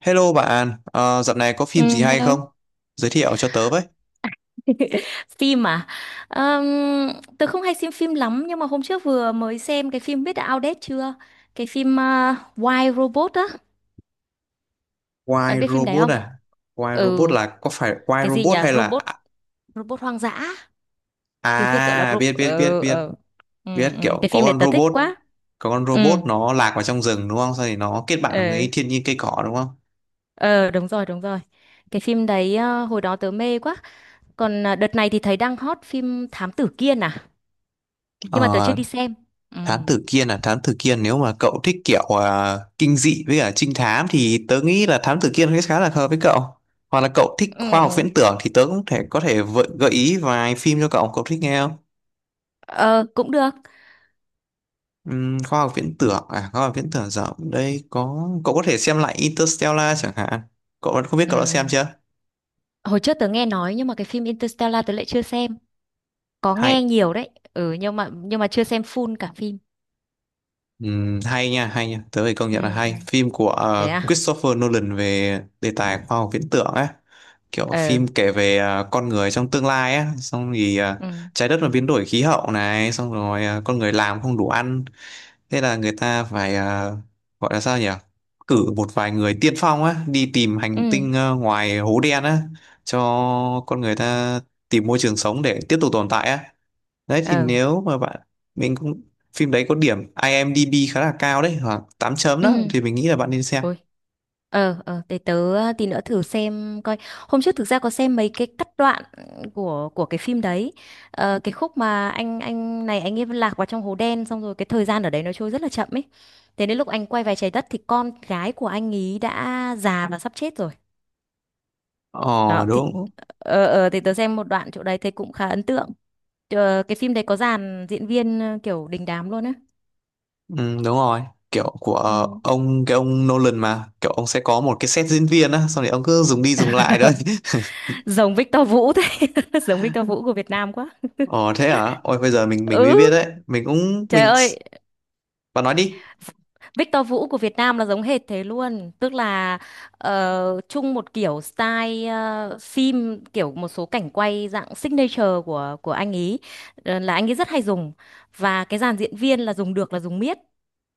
Hello bạn, dạo này có Ừ, phim gì hay không? hello. Giới thiệu cho tớ với. Phim à? Ờm, tớ không hay xem phim lắm nhưng mà hôm trước vừa mới xem cái phim biết đã outdate chưa? Cái phim Why Robot á. Bạn Why biết phim đấy Robot không? à? Why Robot Ừ, là có phải Why cái gì nhỉ? Robot hay là Robot, robot hoang dã. Tiếng Việt gọi là robot. biết biết biết Ừ, biết ừ. Ừ, biết ừ. kiểu Cái có phim này con tớ thích robot, quá. có con Ừ, robot nó lạc vào trong rừng đúng không? Sau thì nó kết bạn với ừ. thiên nhiên cây cỏ đúng không? Ờ, đúng rồi, đúng rồi. Cái phim đấy hồi đó tớ mê quá. Còn đợt này thì thấy đang hot phim Thám Tử Kiên à? Nhưng mà tớ chưa Ờ, đi xem. Ừ. Thám Tử Kiên à? Thám Tử Kiên nếu mà cậu thích kiểu kinh dị với cả trinh thám thì tớ nghĩ là Thám Tử Kiên khá là hợp với cậu. Hoặc là cậu thích Ừ. khoa học Ừ. viễn tưởng thì tớ cũng thể có thể gợi ý vài phim cho cậu, cậu thích nghe không? Ờ, cũng được. Khoa học viễn tưởng à? Khoa học viễn tưởng rộng đây, có cậu có thể xem lại Interstellar chẳng hạn, cậu không biết cậu đã xem Ừm, chưa Hồi trước tớ nghe nói nhưng mà cái phim Interstellar tớ lại chưa xem. Có nghe hay. nhiều đấy. Ừ, nhưng mà chưa xem full cả phim. Hay nha, hay nha, tớ phải công Ừ nhận là ừ. hay. Phim của Thế à? Christopher Nolan về đề tài khoa học viễn tưởng ấy, kiểu Ờ. phim kể về con người trong tương lai á, xong thì Ừ. trái đất mà biến đổi khí hậu này, xong rồi con người làm không đủ ăn. Thế là người ta phải gọi là sao nhỉ? Cử một vài người tiên phong á, đi tìm Ừ. hành tinh ngoài hố đen á, cho con người ta tìm môi trường sống để tiếp tục tồn tại á. Đấy thì Ờ. nếu mà bạn, mình cũng, phim đấy có điểm IMDb khá là cao đấy, khoảng 8 chấm đó, Ừ. thì mình nghĩ là bạn nên xem. Ôi. Để tớ tí nữa thử xem coi. Hôm trước thực ra có xem mấy cái cắt đoạn của cái phim đấy. Ờ, cái khúc mà anh này anh ấy lạc vào trong hố đen xong rồi cái thời gian ở đấy nó trôi rất là chậm ấy. Thế đến lúc anh quay về trái đất thì con gái của anh ý đã già và sắp chết rồi. Đó Ờ thì đúng. Thì tớ xem một đoạn chỗ đấy thấy cũng khá ấn tượng. Ờ, cái phim đấy có dàn diễn viên kiểu đình đám luôn á. Ừ, đúng rồi. Kiểu của Ừ. ông, cái ông Nolan mà, kiểu ông sẽ có một cái set diễn viên á, xong rồi ông cứ dùng đi dùng lại thôi. Giống Victor Vũ thế, giống Victor Vũ của Việt Nam quá. Ồ thế hả? Ôi bây giờ mình Ừ, mới biết đấy. Mình cũng trời mình. ơi, Bạn nói đi. Victor Vũ của Việt Nam là giống hệt thế luôn, tức là chung một kiểu style phim kiểu một số cảnh quay dạng signature của anh ý là anh ấy rất hay dùng và cái dàn diễn viên là dùng được là dùng miết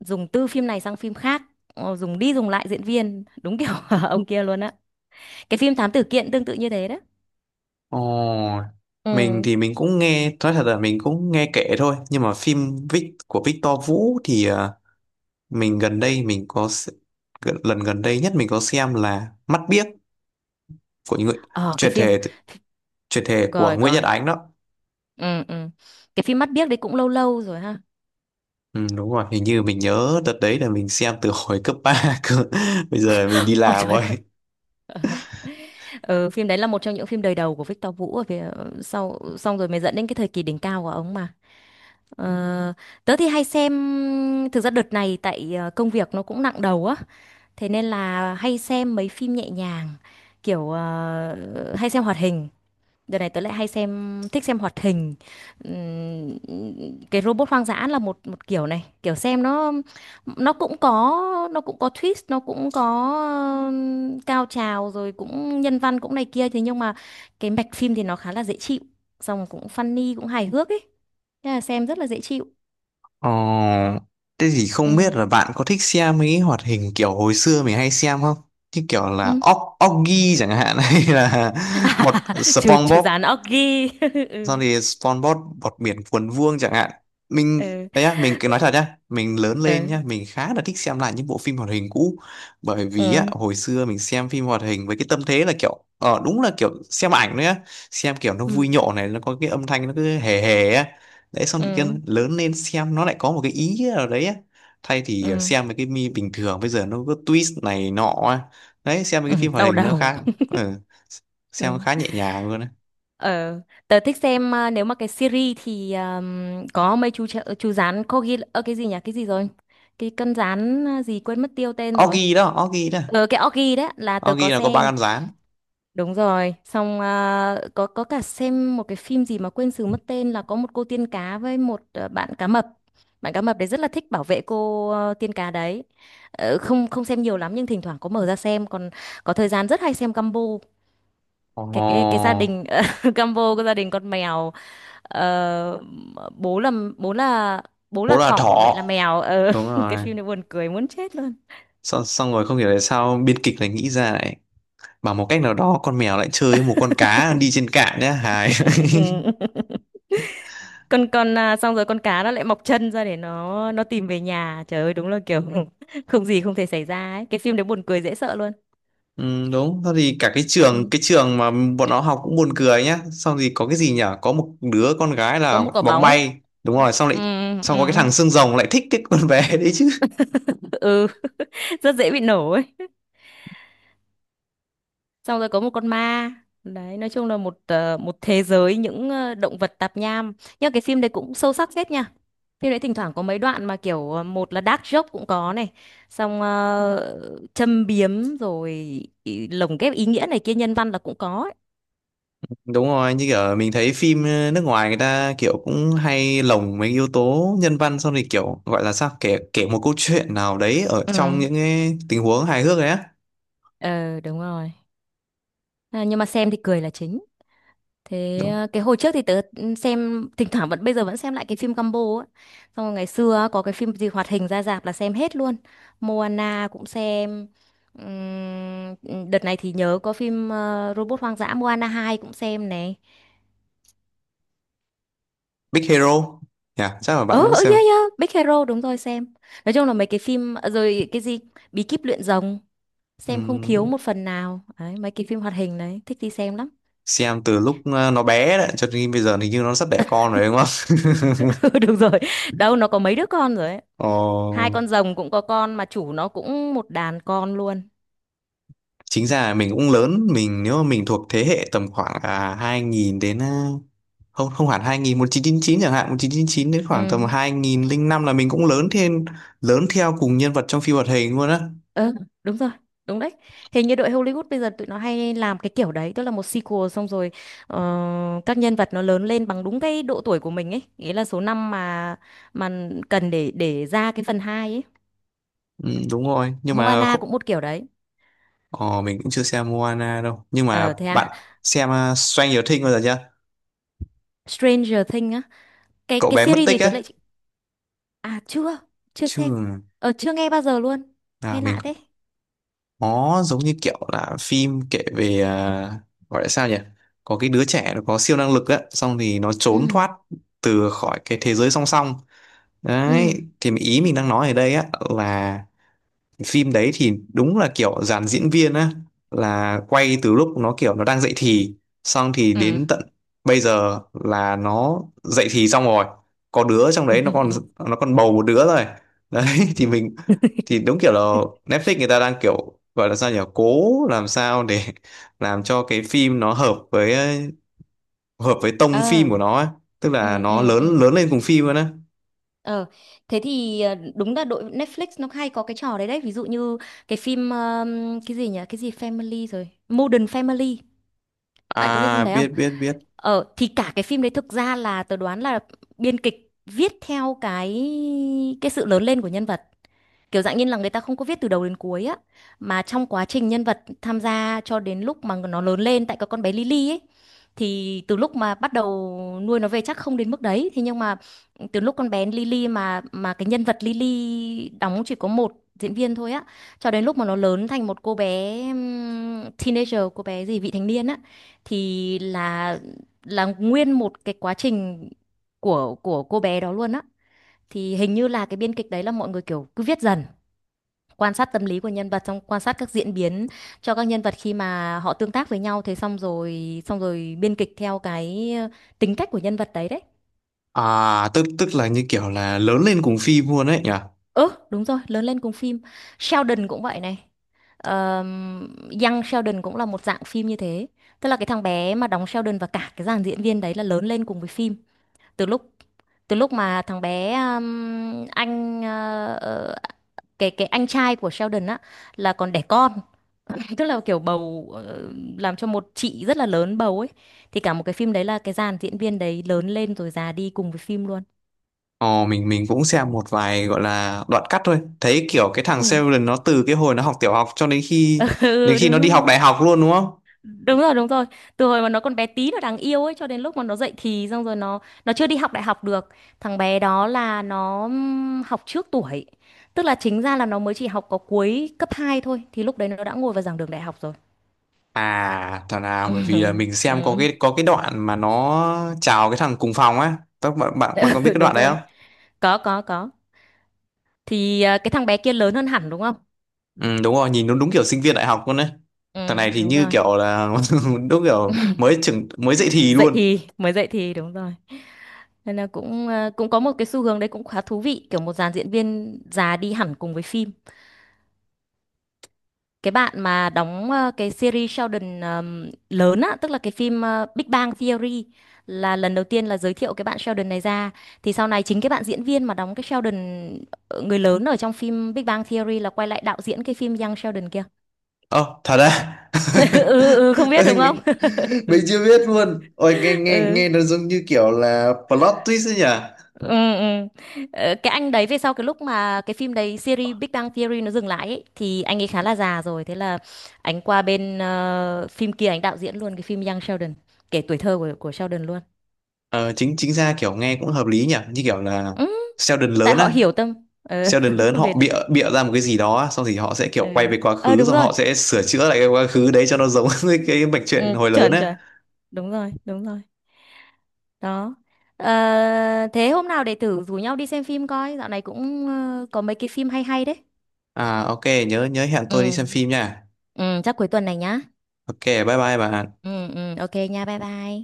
dùng từ phim này sang phim khác dùng đi dùng lại diễn viên đúng kiểu ông kia luôn á. Cái phim Thám Tử Kiện tương tự như thế đó. Ồ, mình Ừ, thì mình cũng nghe, nói thật là mình cũng nghe kể thôi. Nhưng mà phim Vic của Victor Vũ thì mình gần đây mình có lần gần đây nhất mình có xem là Mắt Biếc, của những người ờ, cái chuyển phim. thể, chuyển thể của Rồi, Nguyễn Nhật rồi, Ánh đó. ừ, ừ. Cái phim Mắt Biếc đấy cũng lâu lâu rồi, ha. Ừ, đúng rồi, hình như mình nhớ đợt đấy là mình xem từ hồi cấp 3 cơ. Bây giờ mình đi Ôi làm trời rồi. ơi. Ừ, phim đấy là một trong những phim đời đầu của Victor Vũ ở Việt sau xong rồi mới dẫn đến cái thời kỳ đỉnh cao của ông mà. Ờ, tớ thì hay xem, thực ra đợt này tại công việc nó cũng nặng đầu á thế nên là hay xem mấy phim nhẹ nhàng kiểu hay xem hoạt hình. Đợt này tớ lại hay xem thích xem hoạt hình. Ừm, cái robot hoang dã là một một kiểu này kiểu xem nó cũng có nó cũng có twist nó cũng có cao trào rồi cũng nhân văn cũng này kia thế nhưng mà cái mạch phim thì nó khá là dễ chịu xong cũng funny cũng hài hước ấy. Thế là xem rất là dễ chịu. Ờ, thế thì Ừ, không biết là bạn có thích xem mấy cái hoạt hình kiểu hồi xưa mình hay xem không? Như kiểu là ừ. Oggy chẳng hạn, hay là bọt, Trừ trừ SpongeBob, dán Oggy. xong Ừ, thì SpongeBob bọt biển cuốn vuông chẳng hạn. Mình đấy á, mình cứ nói thật nhá, mình lớn lên ừ, nhá, mình khá là thích xem lại những bộ phim hoạt hình cũ, bởi vì á ừ, hồi xưa mình xem phim hoạt hình với cái tâm thế là kiểu ờ đúng là kiểu xem ảnh nữa, xem kiểu nó vui ừ, nhộn này, nó có cái âm thanh nó cứ hề hề á. Đấy xong thì kia ừ, lớn lên xem nó lại có một cái ý nào đấy á, thay thì ừ, xem mấy cái mi bình thường bây giờ nó có twist này nọ á. Đấy xem mấy ừ cái phim hoạt đau hình nó đầu. khá, ừ, xem Ừ. khá nhẹ nhàng luôn á. Ờ, tớ thích xem à, nếu mà cái series thì có mấy chú rán corgi, ơ cái gì nhỉ? Cái gì rồi? Cái con rán gì quên mất tiêu tên rồi. Oggy đó, Oggy đó. Ờ, cái Corgi đấy là Nó tớ ghi có là có ba xem. con gián. Đúng rồi, xong à, có cả xem một cái phim gì mà quên sử mất tên là có một cô tiên cá với một bạn cá mập. Bạn cá mập đấy rất là thích bảo vệ cô tiên cá đấy. Ờ, không không xem nhiều lắm nhưng thỉnh thoảng có mở ra xem còn có thời gian rất hay xem Gumball. Ồ, Cái gia đình combo của gia đình con mèo ờ, bố là bố là bố bố là là thỏ, thỏ, mẹ là mèo đúng cái rồi. phim này buồn cười muốn chết luôn. Xong, xong rồi không hiểu tại sao biên kịch lại nghĩ ra, lại bảo một cách nào đó con mèo lại chơi với một con cá đi trên cạn nhá, hài. Con xong rồi con cá nó lại mọc chân ra để nó tìm về nhà, trời ơi đúng là kiểu không gì không thể xảy ra ấy, cái phim đấy buồn cười dễ sợ luôn. Ừ, đúng. Sau thì cả cái trường, Ừ. cái trường mà bọn nó học cũng buồn cười nhá, xong thì có cái gì nhở, có một đứa con gái Có là một quả bóng bóng. bay, đúng rồi, xong Ừ, lại, xong có cái ừ. thằng xương rồng lại thích cái con bé đấy chứ. Ừ, rất dễ bị nổ ấy, xong rồi có một con ma. Đấy, nói chung là một thế giới những động vật tạp nham nhưng cái phim đấy cũng sâu sắc phết nha. Phim đấy thỉnh thoảng có mấy đoạn mà kiểu một là dark joke cũng có này, xong châm biếm rồi lồng ghép ý nghĩa này kia nhân văn là cũng có ấy. Đúng rồi, như kiểu mình thấy phim nước ngoài người ta kiểu cũng hay lồng mấy yếu tố nhân văn, xong thì kiểu gọi là sao, kể kể một câu chuyện nào đấy ở Ừ, trong những cái tình huống hài hước đấy á. ờ, đúng rồi, à, nhưng mà xem thì cười là chính. Thế Đúng. Cái hồi trước thì tớ xem thỉnh thoảng vẫn bây giờ vẫn xem lại cái phim combo á. Xong rồi ngày xưa á, có cái phim gì hoạt hình ra rạp là xem hết luôn. Moana cũng xem. Đợt này thì nhớ có phim Robot Hoang dã, Moana 2 cũng xem này. Big Hero. Dạ, chắc là bạn Ờ cũng ừ, xem. yeah yeah, Big Hero đúng rồi xem. Nói chung là mấy cái phim rồi cái gì Bí kíp luyện rồng xem không thiếu Ừm, một phần nào. Đấy, mấy cái phim hoạt hình đấy thích đi xem lắm. xem từ lúc nó bé đấy cho đến bây giờ thì như nó sắp đẻ con rồi đúng không? Ừ, đúng rồi. Đâu nó có mấy đứa con rồi, ấy. Hai Ồ. con rồng cũng có con mà chủ nó cũng một đàn con luôn. Chính ra là mình cũng lớn, mình nếu mà mình thuộc thế hệ tầm khoảng 2000 đến không, không hẳn 2000, 1999 chẳng hạn, 1999 đến khoảng tầm Ừ, 2005, là mình cũng lớn thêm, lớn theo cùng nhân vật trong phim hoạt hình luôn á. ừ, đúng rồi, đúng đấy. Hình như đội Hollywood bây giờ tụi nó hay làm cái kiểu đấy, tức là một sequel xong rồi ờ, các nhân vật nó lớn lên bằng đúng cái độ tuổi của mình ấy, nghĩa là số năm mà cần để ra cái phần 2 ấy. Ừ, đúng rồi nhưng mà Moana cũng một kiểu đấy. ờ, mình cũng chưa xem Moana đâu, nhưng mà Ờ, thế à? bạn xem Stranger Things bao giờ chưa? Stranger Things á, cái Cậu cái bé mất series tích thì tớ á. lại à chưa, chưa xem. Chưa Ờ, chưa nghe bao giờ luôn. à, Nghe mình, lạ thế. nó giống như kiểu là phim kể về gọi là sao nhỉ, có cái đứa trẻ nó có siêu năng lực á xong thì nó trốn Ừ, thoát từ khỏi cái thế giới song song. ừ, Đấy thì ý mình đang nói ở đây á là phim đấy thì đúng là kiểu dàn diễn viên á là quay từ lúc nó kiểu nó đang dậy thì, xong thì đến tận bây giờ là nó dậy thì xong rồi, có đứa trong đấy nó còn, ừ. nó còn bầu một đứa rồi đấy. Thì mình thì đúng kiểu là Netflix người ta đang kiểu gọi là sao nhỉ, cố làm sao để làm cho cái phim nó hợp với, hợp với tông phim Ờ, của nó ấy. Tức ừ, là nó ừ, ừ. lớn, lớn lên cùng phim luôn á. Ờ, thế thì đúng là đội Netflix nó hay có cái trò đấy đấy, ví dụ như cái phim cái gì nhỉ? Cái gì Family rồi, Modern Family. Bạn có biết phim À đấy không? biết biết biết. Ờ thì cả cái phim đấy thực ra là tớ đoán là biên kịch viết theo cái sự lớn lên của nhân vật, kiểu dạng như là người ta không có viết từ đầu đến cuối á mà trong quá trình nhân vật tham gia cho đến lúc mà nó lớn lên tại cái con bé Lily ấy thì từ lúc mà bắt đầu nuôi nó về chắc không đến mức đấy, thế nhưng mà từ lúc con bé Lily mà cái nhân vật Lily đóng chỉ có một diễn viên thôi á cho đến lúc mà nó lớn thành một cô bé teenager, cô bé gì vị thành niên á thì là nguyên một cái quá trình của cô bé đó luôn á, thì hình như là cái biên kịch đấy là mọi người kiểu cứ viết dần, quan sát tâm lý của nhân vật, xong quan sát các diễn biến cho các nhân vật khi mà họ tương tác với nhau, thế xong rồi biên kịch theo cái tính cách của nhân vật đấy đấy. À tức tức là như kiểu là lớn lên cùng phim luôn ấy nhỉ? Ừ, đúng rồi, lớn lên cùng phim. Sheldon cũng vậy này. Ờm, Young Sheldon cũng là một dạng phim như thế, tức là cái thằng bé mà đóng Sheldon và cả cái dàn diễn viên đấy là lớn lên cùng với phim từ lúc từ lúc mà thằng bé anh ờ, ờ, cái anh trai của Sheldon á là còn đẻ con, tức là kiểu bầu làm cho một chị rất là lớn bầu ấy, thì cả một cái phim đấy là cái dàn diễn viên đấy lớn lên rồi già đi cùng với phim luôn. Ờ mình cũng xem một vài gọi là đoạn cắt thôi. Thấy kiểu cái thằng Ừ. Sheldon nó từ cái hồi nó học tiểu học cho đến khi, đến Ừ, khi nó đúng đi học rồi, đại học luôn đúng không? đúng rồi, đúng rồi. Từ hồi mà nó còn bé tí nó đáng yêu ấy cho đến lúc mà nó dậy thì xong rồi nó chưa đi học đại học được. Thằng bé đó là nó học trước tuổi, tức là chính ra là nó mới chỉ học có cuối cấp 2 thôi thì lúc đấy nó đã ngồi vào giảng đường đại học rồi. À thằng nào, bởi vì là mình xem có Ừ, cái, có cái đoạn mà nó chào cái thằng cùng phòng á. Các bạn bạn bạn có biết cái đúng đoạn đấy rồi, không? Có, thì à, cái thằng bé kia lớn hơn hẳn đúng không? Ừ đúng rồi, nhìn nó đúng kiểu sinh viên đại học luôn đấy. Thằng Ừ, này thì đúng như rồi. kiểu là đúng kiểu mới trưởng, mới dậy thì Dậy luôn. thì, mới dậy thì đúng rồi. Nên là cũng cũng có một cái xu hướng đấy cũng khá thú vị, kiểu một dàn diễn viên già đi hẳn cùng với phim. Cái bạn mà đóng cái series Sheldon lớn á, tức là cái phim Big Bang Theory là lần đầu tiên là giới thiệu cái bạn Sheldon này ra, thì sau này chính cái bạn diễn viên mà đóng cái Sheldon người lớn ở trong phim Big Bang Theory là quay lại đạo diễn cái phim Young Sheldon kia. Ơ, thật à? Ừ, ừ, ừ, không biết đúng không? Nghe- Mình chưa biết luôn. Ôi, nghe nghe Ừ. nghe nó giống như kiểu là plot twist ấy nhỉ? Ừ, ừ. Cái anh đấy về sau cái lúc mà cái phim đấy series Big Bang Theory nó dừng lại ấy, thì anh ấy khá là già rồi, thế là anh qua bên phim kia anh đạo diễn luôn cái phim Young Sheldon kể tuổi thơ của Sheldon luôn. Ờ, chính chính ra kiểu nghe cũng hợp lý nhỉ? Như kiểu là Ừ, Sheldon tại lớn họ á. hiểu tâm ờ Sheldon lớn về họ bịa bịa ra một cái gì đó á, xong thì họ sẽ ừ. kiểu quay về quá Ờ, khứ đúng xong rồi, họ sẽ sửa chữa lại cái quá khứ đấy cho nó giống với cái mạch ừ, truyện hồi lớn chuẩn á. chuẩn, đúng rồi, đúng rồi, đó. Ờ, thế hôm nào để thử rủ nhau đi xem phim coi, dạo này cũng có mấy cái phim hay hay đấy. À ok, nhớ nhớ hẹn tôi đi Ừ, xem phim nha. ừ chắc cuối tuần này nhá. Ok, bye bye bà. Ừ, ừ, ok nha, bye bye.